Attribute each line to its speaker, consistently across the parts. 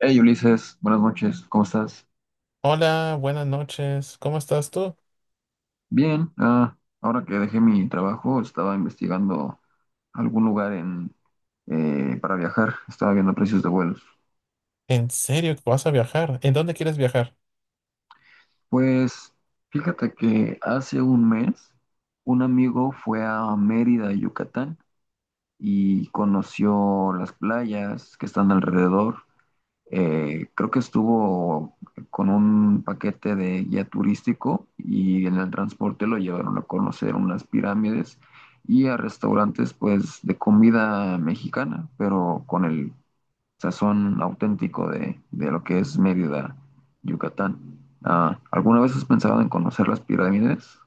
Speaker 1: Hey Ulises, buenas noches, ¿cómo estás?
Speaker 2: Hola, buenas noches. ¿Cómo estás tú?
Speaker 1: Bien, ahora que dejé mi trabajo, estaba investigando algún lugar para viajar, estaba viendo precios de vuelos.
Speaker 2: ¿En serio que vas a viajar? ¿En dónde quieres viajar?
Speaker 1: Pues fíjate que hace un mes un amigo fue a Mérida, Yucatán, y conoció las playas que están alrededor. Creo que estuvo con un paquete de guía turístico y en el transporte lo llevaron a conocer unas pirámides y a restaurantes, pues de comida mexicana, pero con el sazón auténtico de lo que es Mérida, Yucatán. ¿Alguna vez has pensado en conocer las pirámides?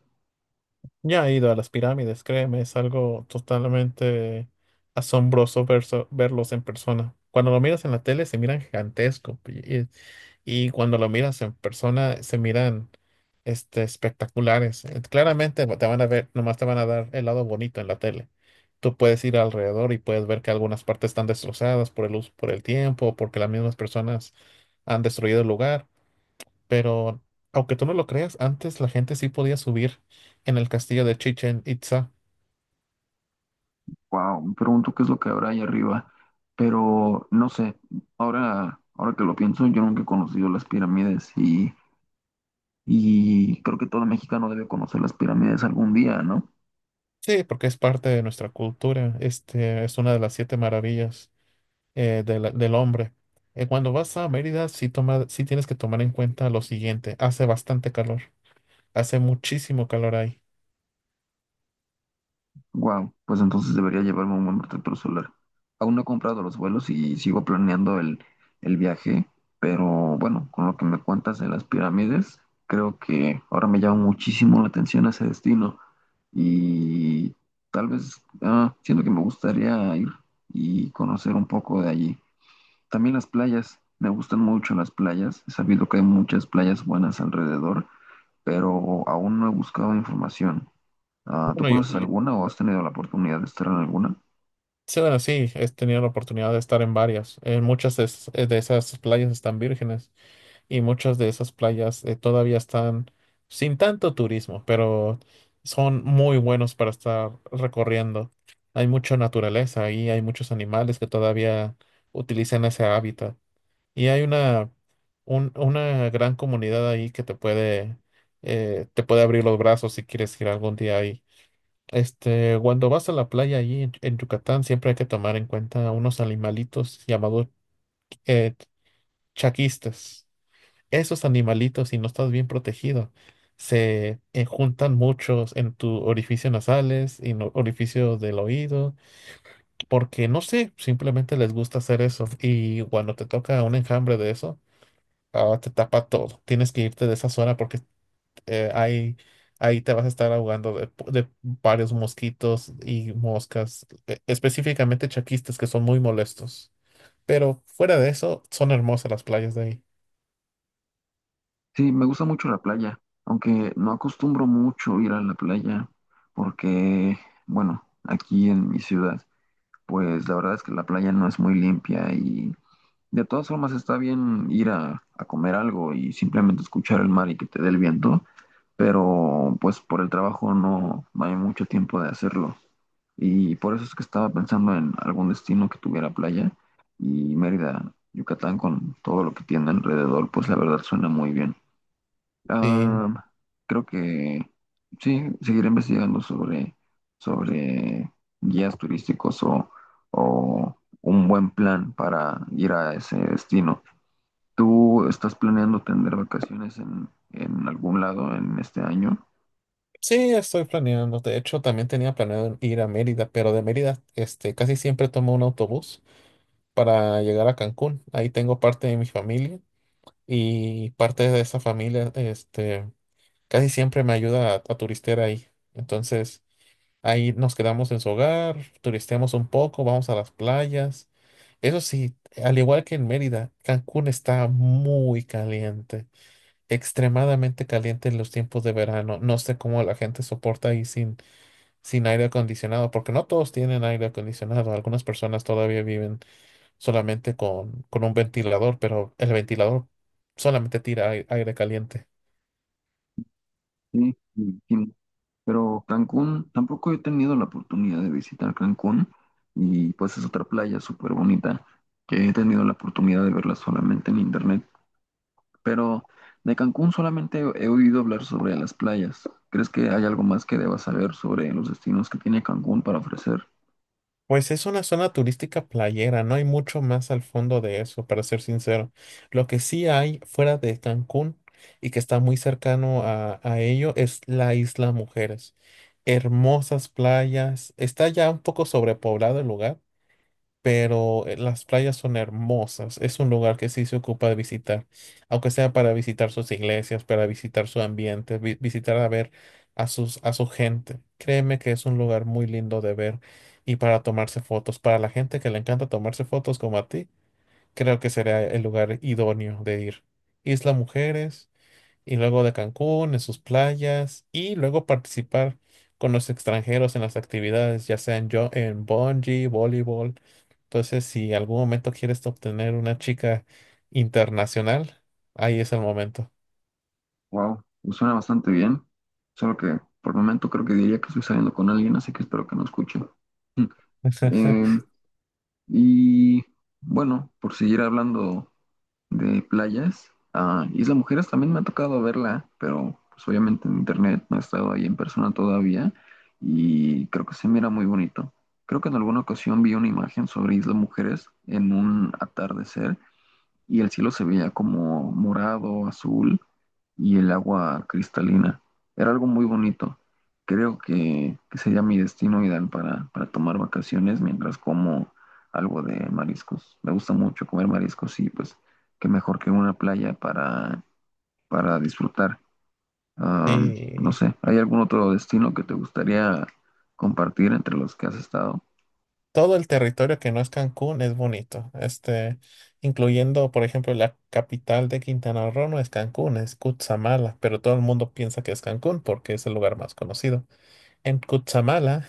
Speaker 2: Ya he ido a las pirámides, créeme, es algo totalmente asombroso verlos en persona. Cuando lo miras en la tele se miran gigantesco y cuando lo miras en persona se miran espectaculares. Claramente bueno, te van a ver, nomás te van a dar el lado bonito en la tele. Tú puedes ir alrededor y puedes ver que algunas partes están destrozadas por el uso, por el tiempo, porque las mismas personas han destruido el lugar, pero aunque tú no lo creas, antes la gente sí podía subir en el castillo de Chichen Itza.
Speaker 1: Wow, me pregunto qué es lo que habrá ahí arriba, pero no sé, ahora que lo pienso, yo nunca he conocido las pirámides. Y creo que todo mexicano debe conocer las pirámides algún día, ¿no?
Speaker 2: Sí, porque es parte de nuestra cultura. Este es una de las siete maravillas de del hombre. Cuando vas a Mérida, sí, toma, sí tienes que tomar en cuenta lo siguiente. Hace bastante calor. Hace muchísimo calor ahí.
Speaker 1: Wow, pues entonces debería llevarme un buen protector solar. Aún no he comprado los vuelos y sigo planeando el viaje, pero bueno, con lo que me cuentas de las pirámides, creo que ahora me llama muchísimo la atención ese destino y tal vez siento que me gustaría ir y conocer un poco de allí. También las playas, me gustan mucho las playas, he sabido que hay muchas playas buenas alrededor, pero aún no he buscado información. ¿Tú
Speaker 2: Bueno,
Speaker 1: conoces alguna o has tenido la oportunidad de estar en alguna?
Speaker 2: sí, bueno, sí, he tenido la oportunidad de estar en varias. En muchas de esas playas están vírgenes. Y muchas de esas playas todavía están sin tanto turismo, pero son muy buenos para estar recorriendo. Hay mucha naturaleza ahí, hay muchos animales que todavía utilizan ese hábitat y hay una gran comunidad ahí que te puede abrir los brazos si quieres ir algún día ahí. Este, cuando vas a la playa allí en Yucatán, siempre hay que tomar en cuenta unos animalitos llamados eh, chaquistas. Esos animalitos, si no estás bien protegido, se juntan muchos en tu orificio nasales y orificio del oído, porque no sé, simplemente les gusta hacer eso. Y cuando te toca un enjambre de eso, ah, te tapa todo. Tienes que irte de esa zona porque eh, ahí, ahí te vas a estar ahogando de, de varios mosquitos y moscas, específicamente chaquistas que son muy molestos. Pero fuera de eso, son hermosas las playas de ahí.
Speaker 1: Sí, me gusta mucho la playa, aunque no acostumbro mucho ir a la playa porque, bueno, aquí en mi ciudad, pues la verdad es que la playa no es muy limpia, y de todas formas está bien ir a comer algo y simplemente escuchar el mar y que te dé el viento, pero pues por el trabajo no hay mucho tiempo de hacerlo. Y por eso es que estaba pensando en algún destino que tuviera playa, y Mérida, Yucatán, con todo lo que tiene alrededor, pues la verdad suena muy bien.
Speaker 2: Sí.
Speaker 1: Ah, Creo que sí, seguiré investigando sobre guías turísticos o un buen plan para ir a ese destino. ¿Tú estás planeando tener vacaciones en algún lado en este año?
Speaker 2: Sí, estoy planeando. De hecho, también tenía planeado ir a Mérida, pero de Mérida, este, casi siempre tomo un autobús para llegar a Cancún. Ahí tengo parte de mi familia y parte de esa familia, este, casi siempre me ayuda a turistear ahí. Entonces, ahí nos quedamos en su hogar, turisteamos un poco, vamos a las playas. Eso sí, al igual que en Mérida, Cancún está muy caliente, extremadamente caliente en los tiempos de verano. No sé cómo la gente soporta ahí sin aire acondicionado, porque no todos tienen aire acondicionado. Algunas personas todavía viven solamente con un ventilador, pero el ventilador solamente tira aire caliente.
Speaker 1: Sí, sí. Pero Cancún, tampoco he tenido la oportunidad de visitar Cancún, y pues es otra playa súper bonita que he tenido la oportunidad de verla solamente en internet. Pero de Cancún solamente he oído hablar sobre las playas. ¿Crees que hay algo más que deba saber sobre los destinos que tiene Cancún para ofrecer?
Speaker 2: Pues es una zona turística playera, no hay mucho más al fondo de eso, para ser sincero. Lo que sí hay fuera de Cancún y que está muy cercano a ello es la Isla Mujeres. Hermosas playas, está ya un poco sobrepoblado el lugar, pero las playas son hermosas. Es un lugar que sí se ocupa de visitar, aunque sea para visitar sus iglesias, para visitar su ambiente, visitar a ver a sus, a su gente. Créeme que es un lugar muy lindo de ver y para tomarse fotos. Para la gente que le encanta tomarse fotos como a ti, creo que será el lugar idóneo de ir. Isla Mujeres y luego de Cancún, en sus playas, y luego participar con los extranjeros en las actividades, ya sea en, en bungee, voleibol. Entonces, si en algún momento quieres obtener una chica internacional, ahí es el momento.
Speaker 1: Wow, me suena bastante bien. Solo que por el momento creo que diría que estoy saliendo con alguien, así que espero que no escuche. Em, y bueno, por seguir hablando de playas. Isla Mujeres también me ha tocado verla, pero pues obviamente en internet, no he estado ahí en persona todavía, y creo que se mira muy bonito. Creo que en alguna ocasión vi una imagen sobre Isla Mujeres en un atardecer, y el cielo se veía como morado, azul, y el agua cristalina. Era algo muy bonito. Creo que sería mi destino ideal para tomar vacaciones mientras como algo de mariscos. Me gusta mucho comer mariscos, y pues qué mejor que una playa para disfrutar. No
Speaker 2: Y
Speaker 1: sé, ¿hay algún otro destino que te gustaría compartir entre los que has estado?
Speaker 2: todo el territorio que no es Cancún es bonito. Este, incluyendo, por ejemplo, la capital de Quintana Roo no es Cancún, es Cutzamala, pero todo el mundo piensa que es Cancún porque es el lugar más conocido. En Cuchamala,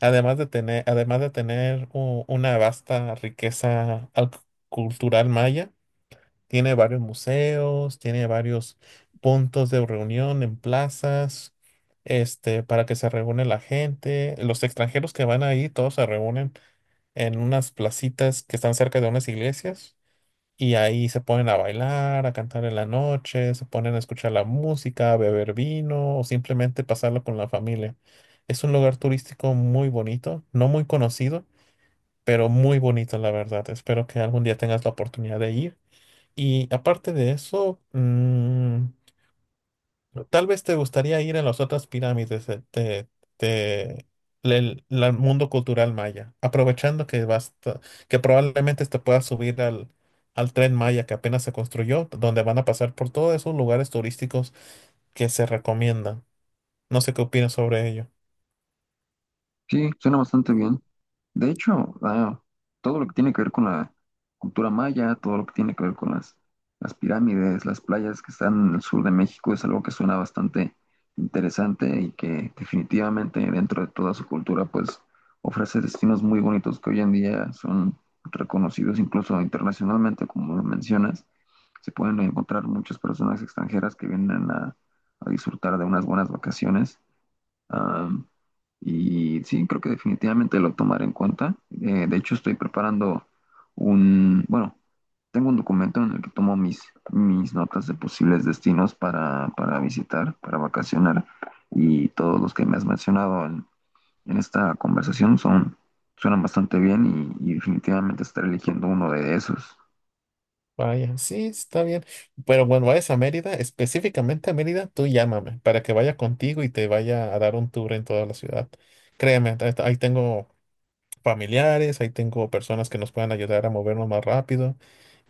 Speaker 2: además de tener una vasta riqueza cultural maya, tiene varios museos, tiene varios puntos de reunión en plazas, este, para que se reúne la gente. Los extranjeros que van ahí, todos se reúnen en unas placitas que están cerca de unas iglesias y ahí se ponen a bailar, a cantar en la noche, se ponen a escuchar la música, a beber vino o simplemente pasarlo con la familia. Es un lugar turístico muy bonito, no muy conocido, pero muy bonito, la verdad. Espero que algún día tengas la oportunidad de ir. Y aparte de eso, mm, ¿no? Tal vez te gustaría ir a las otras pirámides de- del mundo cultural maya, aprovechando que que probablemente te puedas subir al, al tren maya que apenas se construyó, donde van a pasar por todos esos lugares turísticos que se recomiendan. No sé qué opinas sobre ello.
Speaker 1: Sí, suena bastante bien. De hecho, todo lo que tiene que ver con la cultura maya, todo lo que tiene que ver con las pirámides, las playas que están en el sur de México, es algo que suena bastante interesante, y que definitivamente dentro de toda su cultura pues ofrece destinos muy bonitos que hoy en día son reconocidos incluso internacionalmente, como lo mencionas. Se pueden encontrar muchas personas extranjeras que vienen a disfrutar de unas buenas vacaciones. Am, y sí, creo que definitivamente lo tomaré en cuenta. De hecho, estoy preparando un, bueno, tengo un documento en el que tomo mis notas de posibles destinos para visitar, para vacacionar. Y todos los que me has mencionado en esta conversación son, suenan bastante bien, y definitivamente estaré eligiendo uno de esos.
Speaker 2: Vaya, sí, está bien. Pero cuando vayas a Mérida, específicamente a Mérida, tú llámame para que vaya contigo y te vaya a dar un tour en toda la ciudad. Créeme, ahí tengo familiares, ahí tengo personas que nos puedan ayudar a movernos más rápido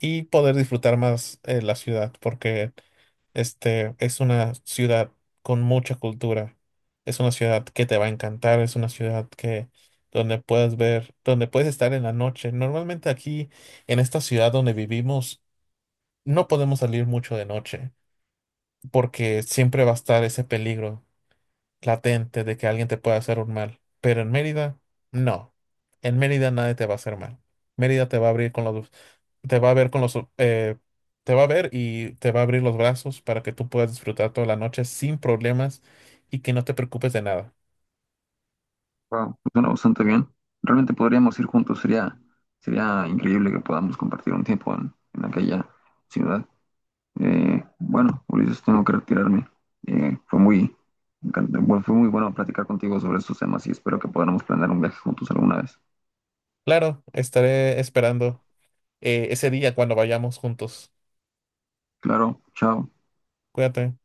Speaker 2: y poder disfrutar más la ciudad, porque este es una ciudad con mucha cultura, es una ciudad que te va a encantar, es una ciudad que donde puedes ver, donde puedes estar en la noche. Normalmente aquí en esta ciudad donde vivimos no podemos salir mucho de noche porque siempre va a estar ese peligro latente de que alguien te pueda hacer un mal. Pero en Mérida, no. En Mérida nadie te va a hacer mal. Mérida te va a abrir con los, te va a ver con los, te va a ver y te va a abrir los brazos para que tú puedas disfrutar toda la noche sin problemas y que no te preocupes de nada.
Speaker 1: Wow, suena bastante bien. Realmente podríamos ir juntos, sería, sería increíble que podamos compartir un tiempo en aquella ciudad. Bueno, Ulises, tengo que retirarme. Eh, fue muy, bueno, fue muy bueno platicar contigo sobre estos temas, y espero que podamos planear un viaje juntos alguna vez.
Speaker 2: Claro, estaré esperando ese día cuando vayamos juntos.
Speaker 1: Claro, chao.
Speaker 2: Cuídate.